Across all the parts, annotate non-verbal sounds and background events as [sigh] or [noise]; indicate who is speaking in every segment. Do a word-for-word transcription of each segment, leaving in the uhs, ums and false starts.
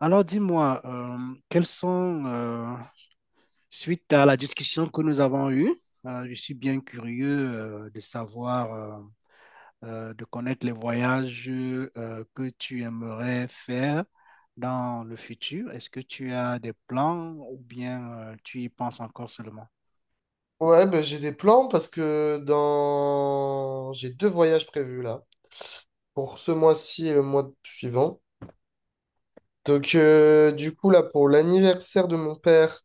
Speaker 1: Alors dis-moi, euh, quelles sont, euh, suite à la discussion que nous avons eue, euh, je suis bien curieux euh, de savoir, euh, euh, de connaître les voyages euh, que tu aimerais faire dans le futur. Est-ce que tu as des plans ou bien euh, tu y penses encore seulement?
Speaker 2: Ouais, ben, j'ai des plans parce que dans... j'ai deux voyages prévus là, pour ce mois-ci et le mois suivant. Donc euh, du coup là, pour l'anniversaire de mon père,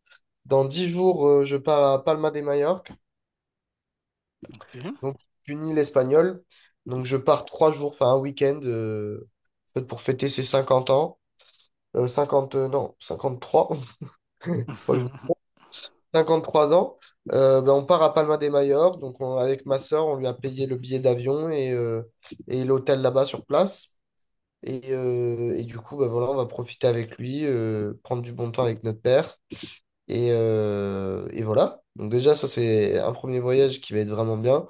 Speaker 2: dans dix jours, euh, je pars à Palma de Majorque,
Speaker 1: Ok.
Speaker 2: donc une île espagnole. Donc je pars trois jours, enfin un week-end, euh, en fait, pour fêter ses cinquante ans. Euh, cinquante, euh, non, cinquante-trois. [laughs] Faut pas que je
Speaker 1: [laughs]
Speaker 2: cinquante trois ans, euh, ben, on part à Palma de Mallorca. Donc, on- avec ma sœur, on lui a payé le billet d'avion et, euh, et l'hôtel là-bas sur place. Et, euh, et du coup, ben, voilà, on va profiter avec lui, euh, prendre du bon temps avec notre père. Et, euh, et voilà. Donc, déjà, ça, c'est un premier voyage qui va être vraiment bien.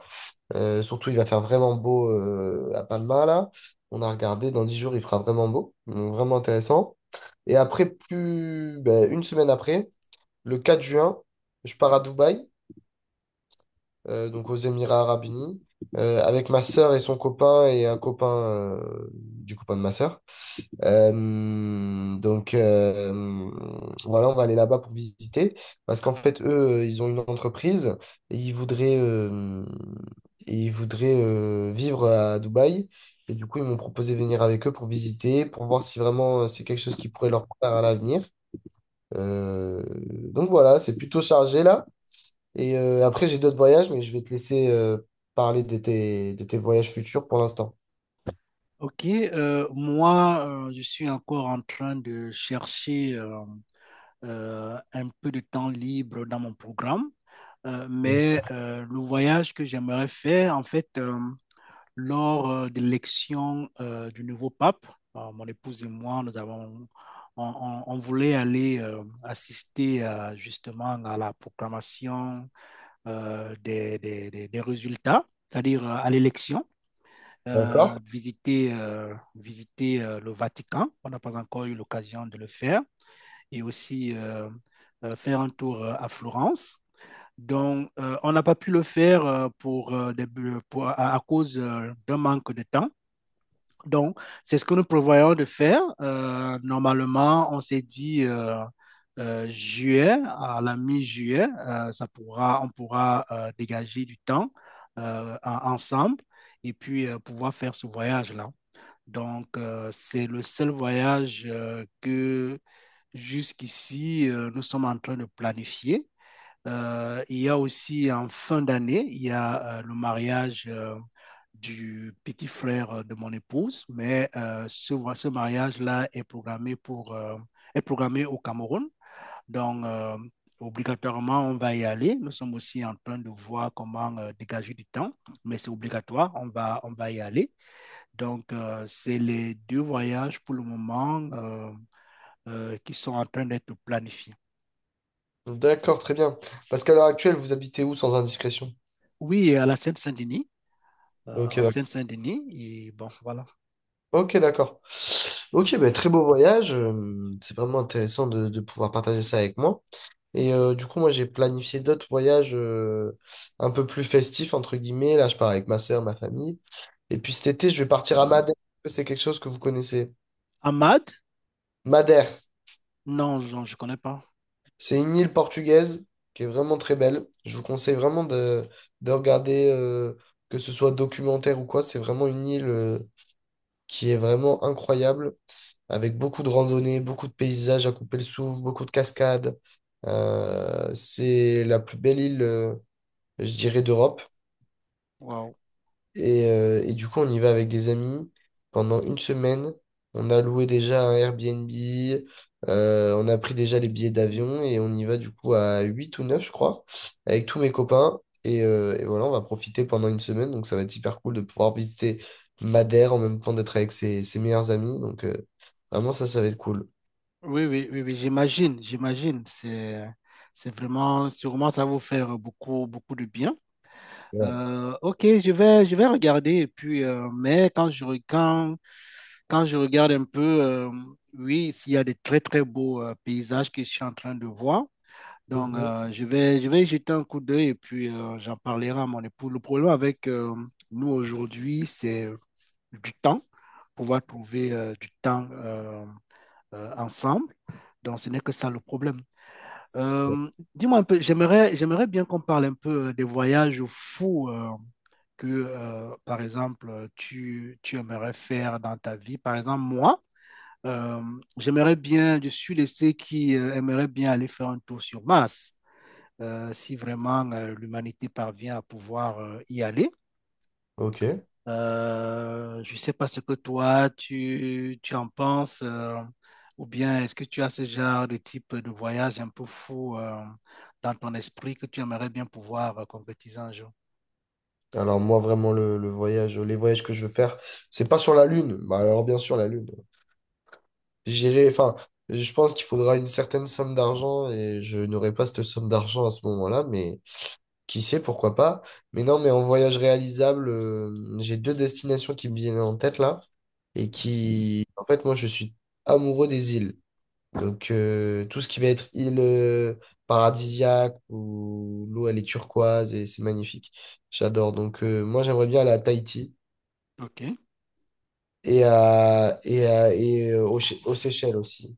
Speaker 2: Euh, surtout, il va faire vraiment beau euh, à Palma, là. On a regardé, dans dix jours, il fera vraiment beau. Donc, vraiment intéressant. Et après, plus ben, une semaine après, le quatre juin, je pars à Dubaï euh, donc aux Émirats Arabes Unis, euh, avec ma sœur et son copain et un copain euh, du copain de ma sœur. Euh, donc euh, voilà, on va aller là-bas pour visiter parce qu'en fait, eux, euh, ils ont une entreprise et ils voudraient, euh, et ils voudraient euh, vivre à Dubaï. Et du coup, ils m'ont proposé de venir avec eux pour visiter, pour voir si vraiment euh, c'est quelque chose qui pourrait leur plaire à l'avenir. Euh, donc voilà, c'est plutôt chargé là. Et euh, après, j'ai d'autres voyages, mais je vais te laisser euh, parler de tes, de tes voyages futurs pour l'instant.
Speaker 1: Ok, euh, moi, euh, je suis encore en train de chercher. Euh, euh, un peu de temps libre dans mon programme. Euh, mais euh, le voyage que j'aimerais faire, en fait, euh, lors euh, de l'élection euh, du nouveau pape, euh, mon épouse et moi, nous avons, on, on- on voulait aller euh, assister à, justement à la proclamation euh, des, des- des- des résultats, c'est-à-dire euh, à l'élection. Euh,
Speaker 2: D'accord?
Speaker 1: visiter, euh, visiter euh, le Vatican. On n'a pas encore eu l'occasion de le faire, et aussi euh, euh, faire un tour euh, à Florence. Donc, euh, on n'a pas pu le faire euh, pour, euh, des, pour à, à, cause euh, d'un manque de temps. Donc, c'est ce que nous prévoyons de faire. Euh, normalement, on s'est dit euh, euh, juillet, à la mi-juillet, euh, ça pourra, on pourra euh, dégager du temps euh, en- ensemble et puis euh, pouvoir faire ce voyage-là. Donc, euh, c'est le seul voyage euh, que jusqu'ici, euh, nous sommes en train de planifier. Euh, il y a aussi en fin d'année, il y a euh, le mariage euh, du petit frère euh, de mon épouse, mais euh, ce, vo- ce mariage-là est programmé pour, euh, est programmé au Cameroun. Donc, euh, obligatoirement, on va y aller. Nous sommes aussi en train de voir comment euh, dégager du temps, mais c'est obligatoire, on va, on va y aller. Donc, euh, c'est les deux voyages pour le moment euh, euh, qui sont en train d'être planifiés.
Speaker 2: D'accord, très bien. Parce qu'à l'heure actuelle, vous habitez où sans indiscrétion?
Speaker 1: Oui, à la Seine-Saint-Denis, euh,
Speaker 2: Ok,
Speaker 1: en
Speaker 2: d'accord.
Speaker 1: Seine-Saint-Denis, et bon, voilà.
Speaker 2: Ok, d'accord. Ok, bah, très beau voyage. euh, C'est vraiment intéressant de, de pouvoir partager ça avec moi. Et euh, du coup, moi, j'ai planifié d'autres voyages euh, un peu plus festifs, entre guillemets. Là, je pars avec ma soeur, ma famille. Et puis cet été, je vais partir à Madère. Est-ce que c'est quelque chose que vous connaissez.
Speaker 1: Ahmad?
Speaker 2: Madère.
Speaker 1: Non, non, je ne connais pas.
Speaker 2: C'est une île portugaise qui est vraiment très belle. Je vous conseille vraiment de, de regarder, euh, que ce soit documentaire ou quoi. C'est vraiment une île, euh, qui est vraiment incroyable, avec beaucoup de randonnées, beaucoup de paysages à couper le souffle, beaucoup de cascades. Euh, c'est la plus belle île, euh, je dirais, d'Europe.
Speaker 1: Waouh.
Speaker 2: Et, euh, et du coup, on y va avec des amis. Pendant une semaine, on a loué déjà un Airbnb, euh, on a pris déjà les billets d'avion et on y va du coup à huit ou neuf je crois, avec tous mes copains. Et, euh, et voilà, on va profiter pendant une semaine. Donc, ça va être hyper cool de pouvoir visiter Madère en même temps d'être avec ses, ses meilleurs amis. Donc, euh, vraiment, ça, ça va être cool.
Speaker 1: Oui, oui, oui, oui, j'imagine, j'imagine. C'est, c'est vraiment, sûrement, ça va vous faire beaucoup, beaucoup de bien.
Speaker 2: Ouais.
Speaker 1: Euh, ok, je vais, je vais regarder. Et puis, euh, mais quand je, re- quand, quand je regarde un peu, euh, oui, s'il y a des très, très beaux euh, paysages que je suis en train de voir. Donc,
Speaker 2: Mhm.
Speaker 1: euh, je vais, je vais y jeter un coup d'œil et puis euh, j'en parlerai à mon époux. Le problème avec euh, nous aujourd'hui, c'est du temps, pouvoir trouver euh, du temps euh, euh, ensemble. Donc, ce n'est que ça le problème. Euh, dis-moi un peu, j'aimerais, j'aimerais bien qu'on parle un peu euh, des voyages fous euh, que, euh, par exemple, tu, tu aimerais faire dans ta vie. Par exemple, moi, euh, j'aimerais bien, je suis de ceux qui euh, aimeraient bien aller faire un tour sur Mars euh, si vraiment euh, l'humanité parvient à pouvoir euh, y aller.
Speaker 2: Ok.
Speaker 1: Euh, je ne sais pas ce que toi, tu, tu en penses, euh, ou bien est-ce que tu as ce genre de type de voyage un peu fou euh, dans ton esprit que tu aimerais bien pouvoir euh, concrétiser un jour?
Speaker 2: Alors moi vraiment le, le voyage, les voyages que je veux faire, c'est pas sur la Lune. Bah alors bien sûr la Lune. J'irai, enfin, je pense qu'il faudra une certaine somme d'argent et je n'aurai pas cette somme d'argent à ce moment-là, mais qui sait, pourquoi pas. Mais non, mais en voyage réalisable, euh, j'ai deux destinations qui me viennent en tête là et qui, en fait, moi, je suis amoureux des îles. Donc, euh, tout ce qui va être île euh, paradisiaque où l'eau, elle est turquoise et c'est magnifique. J'adore. Donc, euh, moi, j'aimerais bien aller à Tahiti
Speaker 1: OK.
Speaker 2: et, à, et, à, et euh, aux, Sé- aux Seychelles aussi.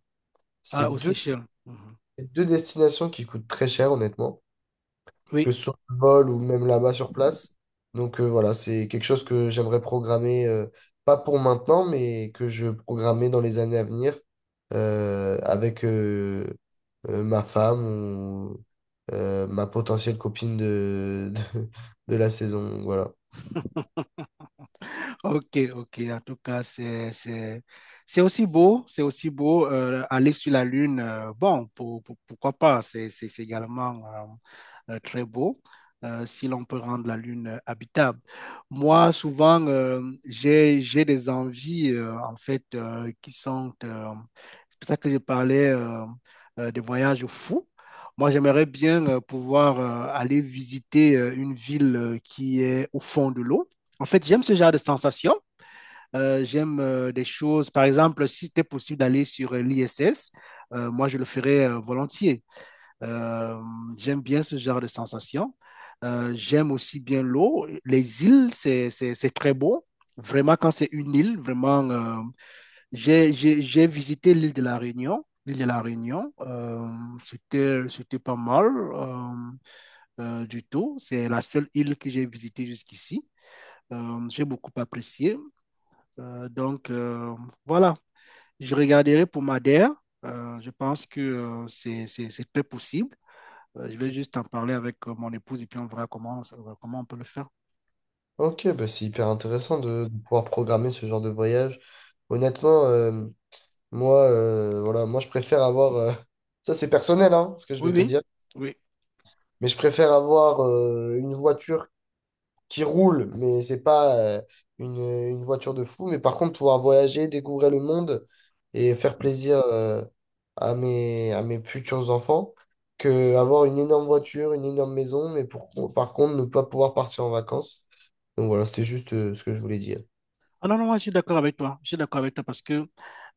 Speaker 1: Ah,
Speaker 2: C'est
Speaker 1: aux
Speaker 2: deux
Speaker 1: Seychelles. Mhm.
Speaker 2: C'est deux destinations qui coûtent très cher, honnêtement, que
Speaker 1: Oui.
Speaker 2: ce soit le vol ou même là-bas sur place. Donc euh, voilà, c'est quelque chose que j'aimerais programmer, euh, pas pour maintenant, mais que je programmerai dans les années à venir euh, avec euh, euh, ma femme ou euh, ma potentielle copine de, [laughs] de, de la saison. Voilà.
Speaker 1: Ok, ok. En tout cas, c'est, c'est, c'est aussi beau, c'est aussi beau euh, aller sur la Lune. Euh, bon, pour- pour- pourquoi pas? C'est, c'est- c'est également euh, euh, très beau euh, si l'on peut rendre la Lune euh, habitable. Moi, souvent, euh, j'ai, j'ai des envies, euh, en fait, euh, qui sont euh, c'est pour ça que je parlais euh, euh, de voyages fous. Moi, j'aimerais bien euh, pouvoir euh, aller visiter euh, une ville euh, qui est au fond de l'eau, en fait, j'aime ce genre de sensation. Euh, j'aime euh, des choses, par exemple, si c'était possible d'aller sur euh, l'I S S, euh, moi je le ferais euh, volontiers. Euh, j'aime bien ce genre de sensation. Euh, j'aime aussi bien l'eau. Les îles, c'est, c'est, c'est très beau. Vraiment, quand c'est une île, vraiment, euh, j'ai, j'ai, j'ai visité l'île de la Réunion. L'île de la Réunion, euh, c'était, c'était pas mal euh, euh, du tout. C'est la seule île que j'ai visitée jusqu'ici. Euh, j'ai beaucoup apprécié. Euh, donc, euh, voilà, je regarderai pour Madère. Euh, je pense que euh, c'est c'est- c'est très possible. Euh, je vais juste en parler avec euh, mon épouse et puis on verra comment, comment on peut le faire.
Speaker 2: Ok, bah c'est hyper intéressant de, de pouvoir programmer ce genre de voyage. Honnêtement, euh, Moi, euh, voilà, moi, je préfère avoir. euh, [laughs] Ça, c'est personnel, hein, ce que je
Speaker 1: Oui,
Speaker 2: vais te
Speaker 1: oui,
Speaker 2: dire.
Speaker 1: oui.
Speaker 2: Mais je préfère avoir euh, une voiture qui roule, mais c'est pas euh, une, une voiture de fou. Mais par contre, pouvoir voyager, découvrir le monde et faire plaisir euh, à mes, à mes futurs enfants, que avoir une énorme voiture, une énorme maison, mais pour, par contre, ne pas pouvoir partir en vacances. Donc voilà, c'était juste euh, ce que je voulais dire.
Speaker 1: Ah non, non, moi, je suis d'accord avec toi. Je suis d'accord avec toi parce que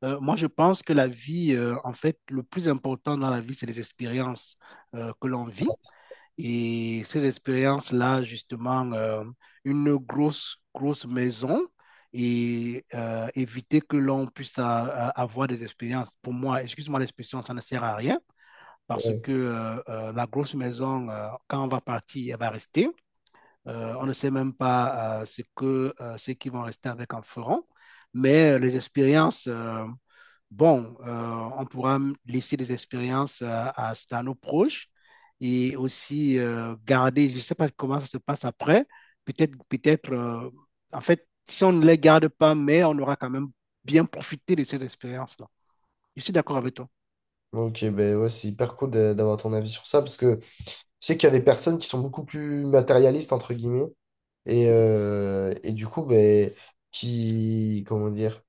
Speaker 1: euh, moi, je pense que la vie, euh, en fait, le plus important dans la vie, c'est les expériences euh, que l'on vit. Et ces expériences-là, justement, euh, une grosse, grosse maison et euh, éviter que l'on puisse a- a- avoir des expériences. Pour moi, excuse-moi l'expression, ça ne sert à rien parce que euh, euh, la grosse maison, euh, quand on va partir, elle va rester. Euh, on ne sait même pas euh, ce que euh, ceux qui vont rester avec en feront, mais euh, les expériences, euh, bon, euh, on pourra laisser des expériences euh, à, à, nos proches, et aussi euh, garder, je ne sais pas comment ça se passe après, peut-être, peut-être, euh, en fait, si on ne les garde pas, mais on aura quand même bien profité de ces expériences-là. Je suis d'accord avec toi.
Speaker 2: Ok, ben ouais, c'est hyper cool d'a- d'avoir ton avis sur ça parce que je sais qu'il y a des personnes qui sont beaucoup plus matérialistes, entre guillemets, et, euh, et du coup, ben, qui, comment dire,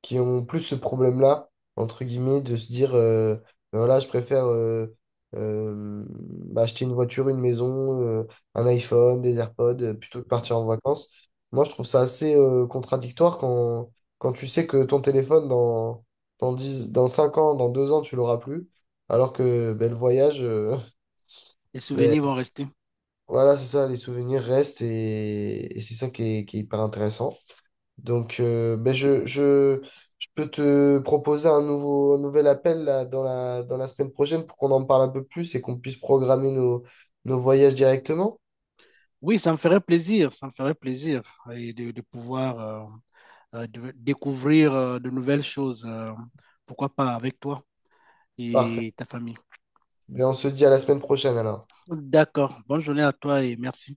Speaker 2: qui ont plus ce problème-là, entre guillemets, de se dire, euh, ben voilà, je préfère euh, euh, bah, acheter une voiture, une maison, euh, un iPhone, des AirPods, euh, plutôt que partir en vacances. Moi, je trouve ça assez euh, contradictoire quand, quand tu sais que ton téléphone, dans, dans dix dans cinq ans, dans deux ans, tu l'auras plus, alors que ben, le voyage, euh,
Speaker 1: Les souvenirs vont
Speaker 2: [laughs]
Speaker 1: rester.
Speaker 2: Voilà, c'est ça, les souvenirs restent et, et c'est ça qui est, qui est hyper intéressant. Donc, euh, ben je, je, je peux te proposer un nouveau, un nouvel appel là, dans la, dans la semaine prochaine pour qu'on en parle un peu plus et qu'on puisse programmer nos, nos voyages directement.
Speaker 1: Oui, ça me ferait plaisir, ça me ferait plaisir et de, de pouvoir euh, euh, de découvrir euh, de nouvelles choses, euh, pourquoi pas avec toi
Speaker 2: Parfait.
Speaker 1: et ta famille.
Speaker 2: Ben on se dit à la semaine prochaine alors.
Speaker 1: D'accord, bonne journée à toi et merci.